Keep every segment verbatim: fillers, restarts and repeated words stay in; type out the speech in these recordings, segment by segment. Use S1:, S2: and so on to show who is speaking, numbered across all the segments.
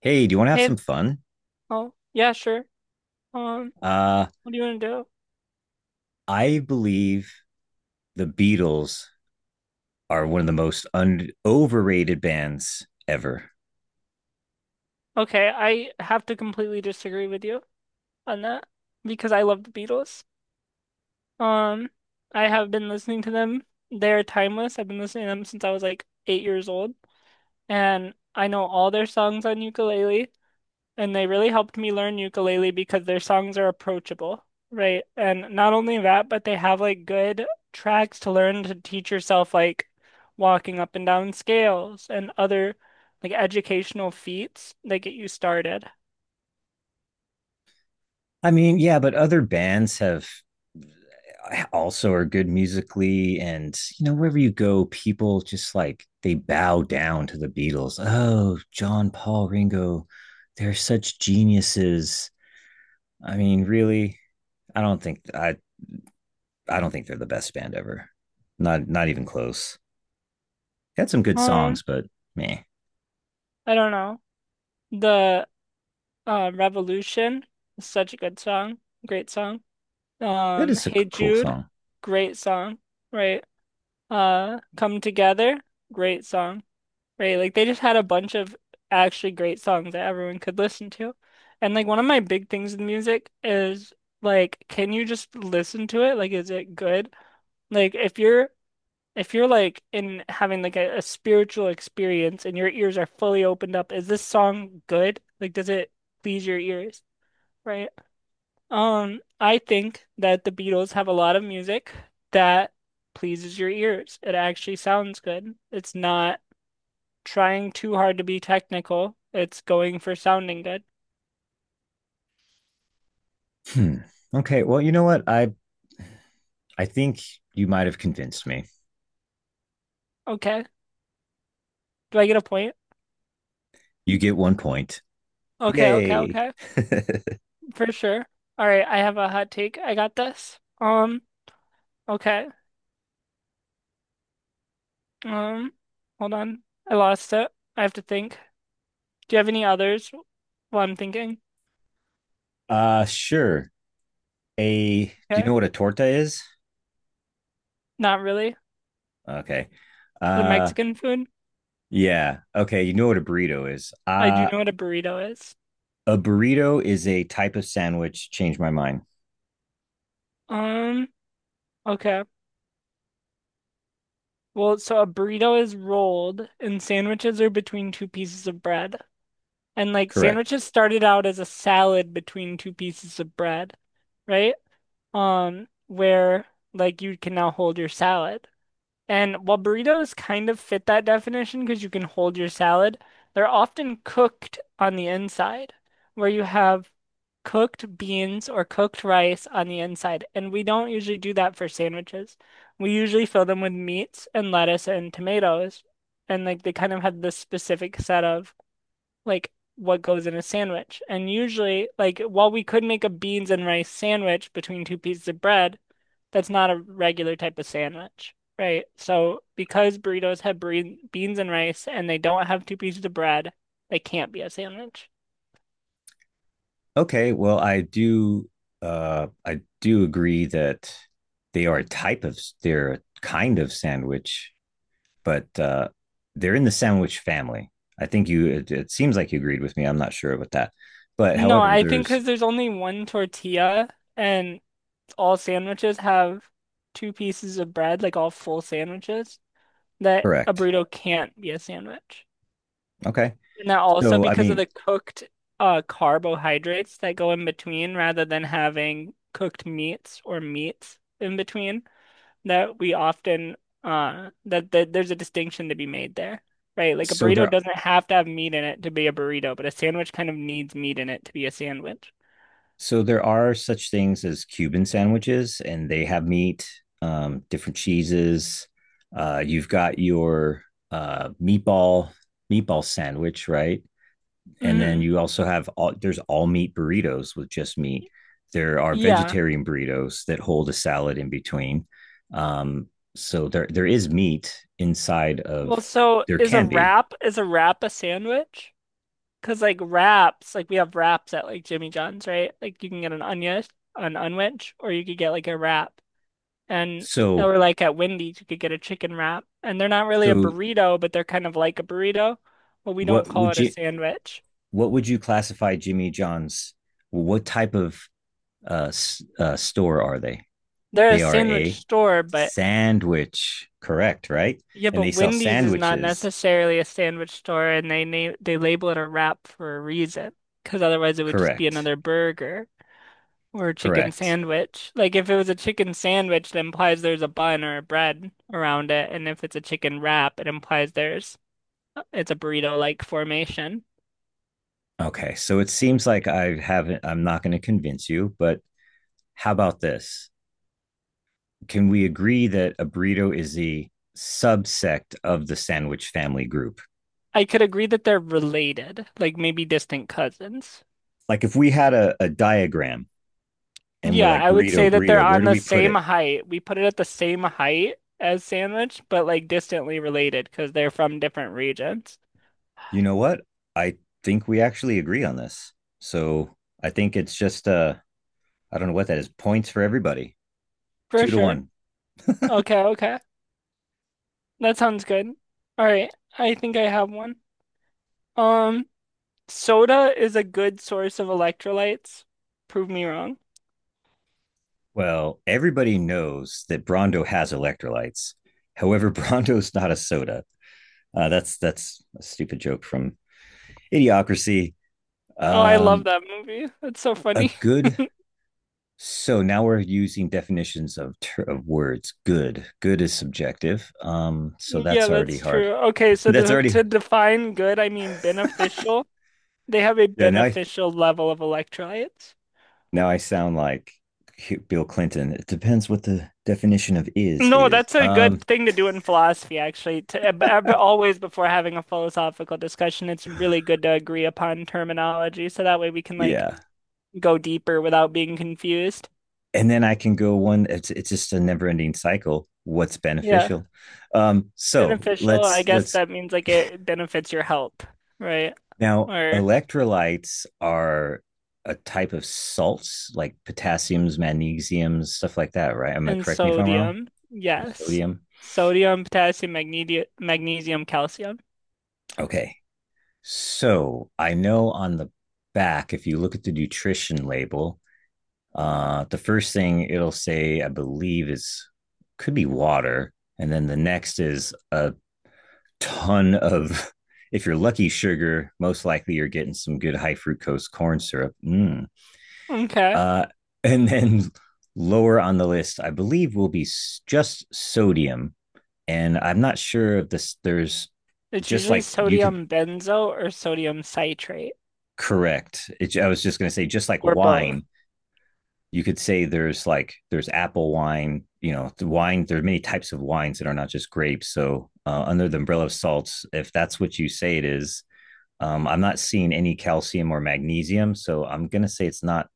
S1: Hey, do you want to have
S2: Hey,
S1: some fun?
S2: oh, yeah, sure. Um,
S1: Uh,
S2: what do you want to do?
S1: I believe the Beatles are one of the most un overrated bands ever.
S2: Okay, I have to completely disagree with you on that because I love the Beatles. Um, I have been listening to them. They're timeless. I've been listening to them since I was like eight years old, and I know all their songs on ukulele. And they really helped me learn ukulele because their songs are approachable, right? And not only that, but they have like good tracks to learn to teach yourself like walking up and down scales and other like educational feats that get you started.
S1: I mean, yeah, but other bands have also are good musically, and you know, wherever you go, people just like they bow down to the Beatles. Oh, John, Paul, Ringo, they're such geniuses. I mean, really, I don't think I I don't think they're the best band ever. Not not even close. Had some good
S2: Um,
S1: songs, but man,
S2: I don't know. The uh, Revolution is such a good song, great song.
S1: that
S2: Um,
S1: is a
S2: Hey
S1: cool
S2: Jude,
S1: song.
S2: great song, right? Uh, Come Together, great song. Right, like they just had a bunch of actually great songs that everyone could listen to. And like one of my big things with music is like can you just listen to it? Like is it good? Like if you're if you're like in having like a, a spiritual experience and your ears are fully opened up, is this song good? Like does it please your ears? Right? Um, I think that the Beatles have a lot of music that pleases your ears. It actually sounds good. It's not trying too hard to be technical. It's going for sounding good.
S1: Hmm. Okay. Well, you know what? I I think you might have convinced me.
S2: Okay. Do I get a point?
S1: You get one point.
S2: Okay, okay,
S1: Yay.
S2: okay. For sure. All right, I have a hot take. I got this. Um, okay. Um, hold on. I lost it. I have to think. Do you have any others while I'm thinking?
S1: uh sure. A do you
S2: Okay.
S1: know what a torta is?
S2: Not really.
S1: Okay.
S2: The
S1: Uh
S2: Mexican food?
S1: yeah. Okay, you know what a burrito is.
S2: I do
S1: Uh
S2: know what a burrito is.
S1: a burrito is a type of sandwich. Change my mind.
S2: Um, okay. Well, so a burrito is rolled and sandwiches are between two pieces of bread. And like
S1: Correct.
S2: sandwiches started out as a salad between two pieces of bread, right? Um, where like you can now hold your salad. And while burritos kind of fit that definition because you can hold your salad, they're often cooked on the inside, where you have cooked beans or cooked rice on the inside. And we don't usually do that for sandwiches. We usually fill them with meats and lettuce and tomatoes. And like they kind of have this specific set of like what goes in a sandwich. And usually, like while we could make a beans and rice sandwich between two pieces of bread, that's not a regular type of sandwich, right? So because burritos have bre beans and rice and they don't have two pieces of bread, they can't be a sandwich.
S1: Okay, well, I do uh I do agree that they are a type of they're a kind of sandwich, but uh they're in the sandwich family. I think you it, it seems like you agreed with me. I'm not sure about that. But
S2: No,
S1: however,
S2: I think
S1: there's
S2: because there's only one tortilla and all sandwiches have two pieces of bread, like all full sandwiches, that a
S1: correct.
S2: burrito can't be a sandwich.
S1: Okay.
S2: And they also
S1: So I
S2: because of
S1: mean,
S2: the cooked uh, carbohydrates that go in between rather than having cooked meats or meats in between that we often uh that, that there's a distinction to be made there, right? Like a
S1: so
S2: burrito
S1: there
S2: doesn't have to have meat in it to be a burrito, but a sandwich kind of needs meat in it to be a sandwich.
S1: so there are such things as Cuban sandwiches and they have meat, um different cheeses. Uh you've got your uh meatball meatball sandwich, right? And then
S2: Hmm.
S1: you also have all there's all meat burritos with just meat. There are
S2: Yeah.
S1: vegetarian burritos that hold a salad in between. Um, so there there is meat inside
S2: Well,
S1: of
S2: so
S1: there
S2: is a
S1: can be.
S2: wrap is a wrap a sandwich? Cause like wraps, like we have wraps at like Jimmy John's, right? Like you can get an onion, an unwedge, or you could get like a wrap. And
S1: So
S2: or like at Wendy's, you could get a chicken wrap. And they're not really a
S1: so
S2: burrito, but they're kind of like a burrito, but we don't
S1: what
S2: call it
S1: would
S2: a
S1: you
S2: sandwich.
S1: what would you classify Jimmy John's? What type of uh, uh, store are they?
S2: They're a
S1: They are
S2: sandwich
S1: a
S2: store, but
S1: sandwich, correct? Right,
S2: yeah,
S1: and
S2: but
S1: they sell
S2: Wendy's is not
S1: sandwiches,
S2: necessarily a sandwich store, and they name they label it a wrap for a reason, because otherwise it would just be
S1: correct?
S2: another burger. Or a chicken
S1: Correct.
S2: sandwich. Like if it was a chicken sandwich, that implies there's a bun or a bread around it. And if it's a chicken wrap, it implies there's uh, it's a burrito-like formation.
S1: Okay, so it seems like I haven't, I'm not going to convince you, but how about this? Can we agree that a burrito is the subsect of the sandwich family group?
S2: I could agree that they're related, like maybe distant cousins.
S1: Like if we had a, a diagram and we're
S2: Yeah,
S1: like,
S2: I would
S1: burrito,
S2: say that they're
S1: burrito, where
S2: on
S1: do
S2: the
S1: we put
S2: same
S1: it?
S2: height. We put it at the same height as sandwich, but like distantly related because they're from different regions.
S1: You know what? I think we actually agree on this. So I think it's just, uh, I don't know what that is, points for everybody,
S2: For
S1: two to
S2: sure.
S1: one.
S2: Okay, okay. That sounds good. All right. I think I have one. Um, soda is a good source of electrolytes. Prove me wrong.
S1: Well, everybody knows that Brando has electrolytes. However, Brando's not a soda. Uh, that's that's a stupid joke from Idiocracy.
S2: Oh, I love
S1: Um,
S2: that movie. That's so
S1: a
S2: funny.
S1: good. So now we're using definitions of ter- of words. Good. Good is subjective. Um, so
S2: Yeah,
S1: that's already
S2: that's
S1: hard.
S2: true. Okay, so
S1: that's
S2: to,
S1: already
S2: to define good, I mean beneficial. They have a
S1: yeah. Now I
S2: beneficial level of electrolytes.
S1: now I sound like Bill Clinton. It depends what the definition of is
S2: No,
S1: is.
S2: that's a
S1: Um,
S2: good thing to do in philosophy, actually. To, ab- ab- always before having a philosophical discussion, it's really good to agree upon terminology so that way we can like
S1: yeah.
S2: go deeper without being confused.
S1: And then I can go one. It's it's just a never ending cycle. What's
S2: Yeah.
S1: beneficial? Um, so
S2: Beneficial, I
S1: let's
S2: guess
S1: let's
S2: that means like it benefits your health, right?
S1: Now,
S2: Or
S1: electrolytes are a type of salts like potassiums, magnesiums, stuff like that, right? Am I
S2: and
S1: correct me if I'm wrong?
S2: sodium, yes.
S1: Sodium.
S2: Sodium, potassium, magne magnesium, calcium.
S1: Okay. So I know on the back, if you look at the nutrition label, uh, the first thing it'll say, I believe, is could be water. And then the next is a ton of, if you're lucky, sugar. Most likely you're getting some good high fructose corn syrup. Mm,
S2: Okay.
S1: Uh, and then lower on the list, I believe, will be just sodium. And I'm not sure if this, there's
S2: It's
S1: just
S2: usually
S1: like you could
S2: sodium benzo or sodium citrate
S1: correct. It, I was just going to say, just like
S2: or both.
S1: wine, you could say there's like, there's apple wine, you know, the wine, there are many types of wines that are not just grapes. So, uh, under the umbrella of salts, if that's what you say it is, Um, I'm not seeing any calcium or magnesium, so I'm gonna say it's not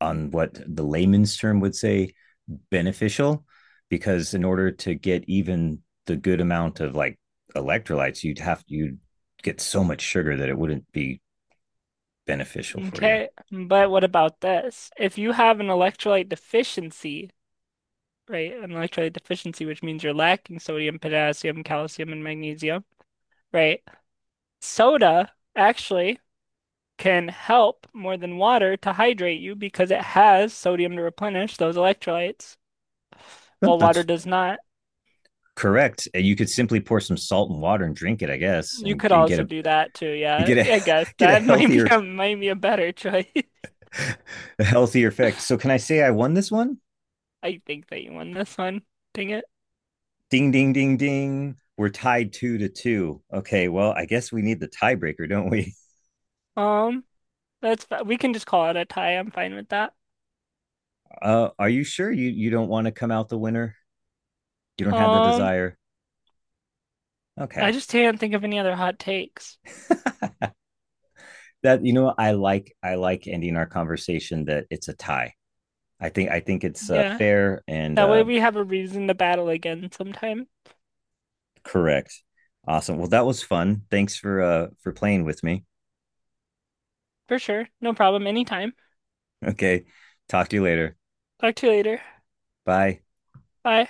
S1: on what the layman's term would say beneficial, because in order to get even the good amount of like electrolytes, you'd have you'd get so much sugar that it wouldn't be beneficial for you.
S2: Okay. But what about this? If you have an electrolyte deficiency, right? An electrolyte deficiency, which means you're lacking sodium, potassium, calcium, and magnesium, right? Soda, actually. Can help more than water to hydrate you because it has sodium to replenish those electrolytes,
S1: No,
S2: while water
S1: that's
S2: does not.
S1: correct. And you could simply pour some salt and water and drink it, I guess,
S2: You
S1: and,
S2: could
S1: and get
S2: also
S1: a
S2: do that too,
S1: and
S2: yeah.
S1: get a
S2: I guess
S1: get a
S2: that might be
S1: healthier
S2: a might be a better choice.
S1: a healthier effect. So can I say I won this one?
S2: I think that you won this one. Dang it.
S1: Ding ding ding ding. We're tied two to two. Okay, well, I guess we need the tiebreaker, don't we?
S2: Um, that's fi- we can just call it a tie. I'm fine with that.
S1: Uh, are you sure you you don't want to come out the winner? You don't have the
S2: Um,
S1: desire.
S2: I
S1: Okay,
S2: just can't think of any other hot takes.
S1: that you know I like I like ending our conversation that it's a tie. I think I think it's uh,
S2: Yeah.
S1: fair and
S2: That way
S1: uh,
S2: we have a reason to battle again sometime.
S1: correct. Awesome. Well, that was fun. Thanks for uh for playing with me.
S2: For sure. No problem. Anytime.
S1: Okay. Talk to you later.
S2: Talk to you later.
S1: Bye.
S2: Bye.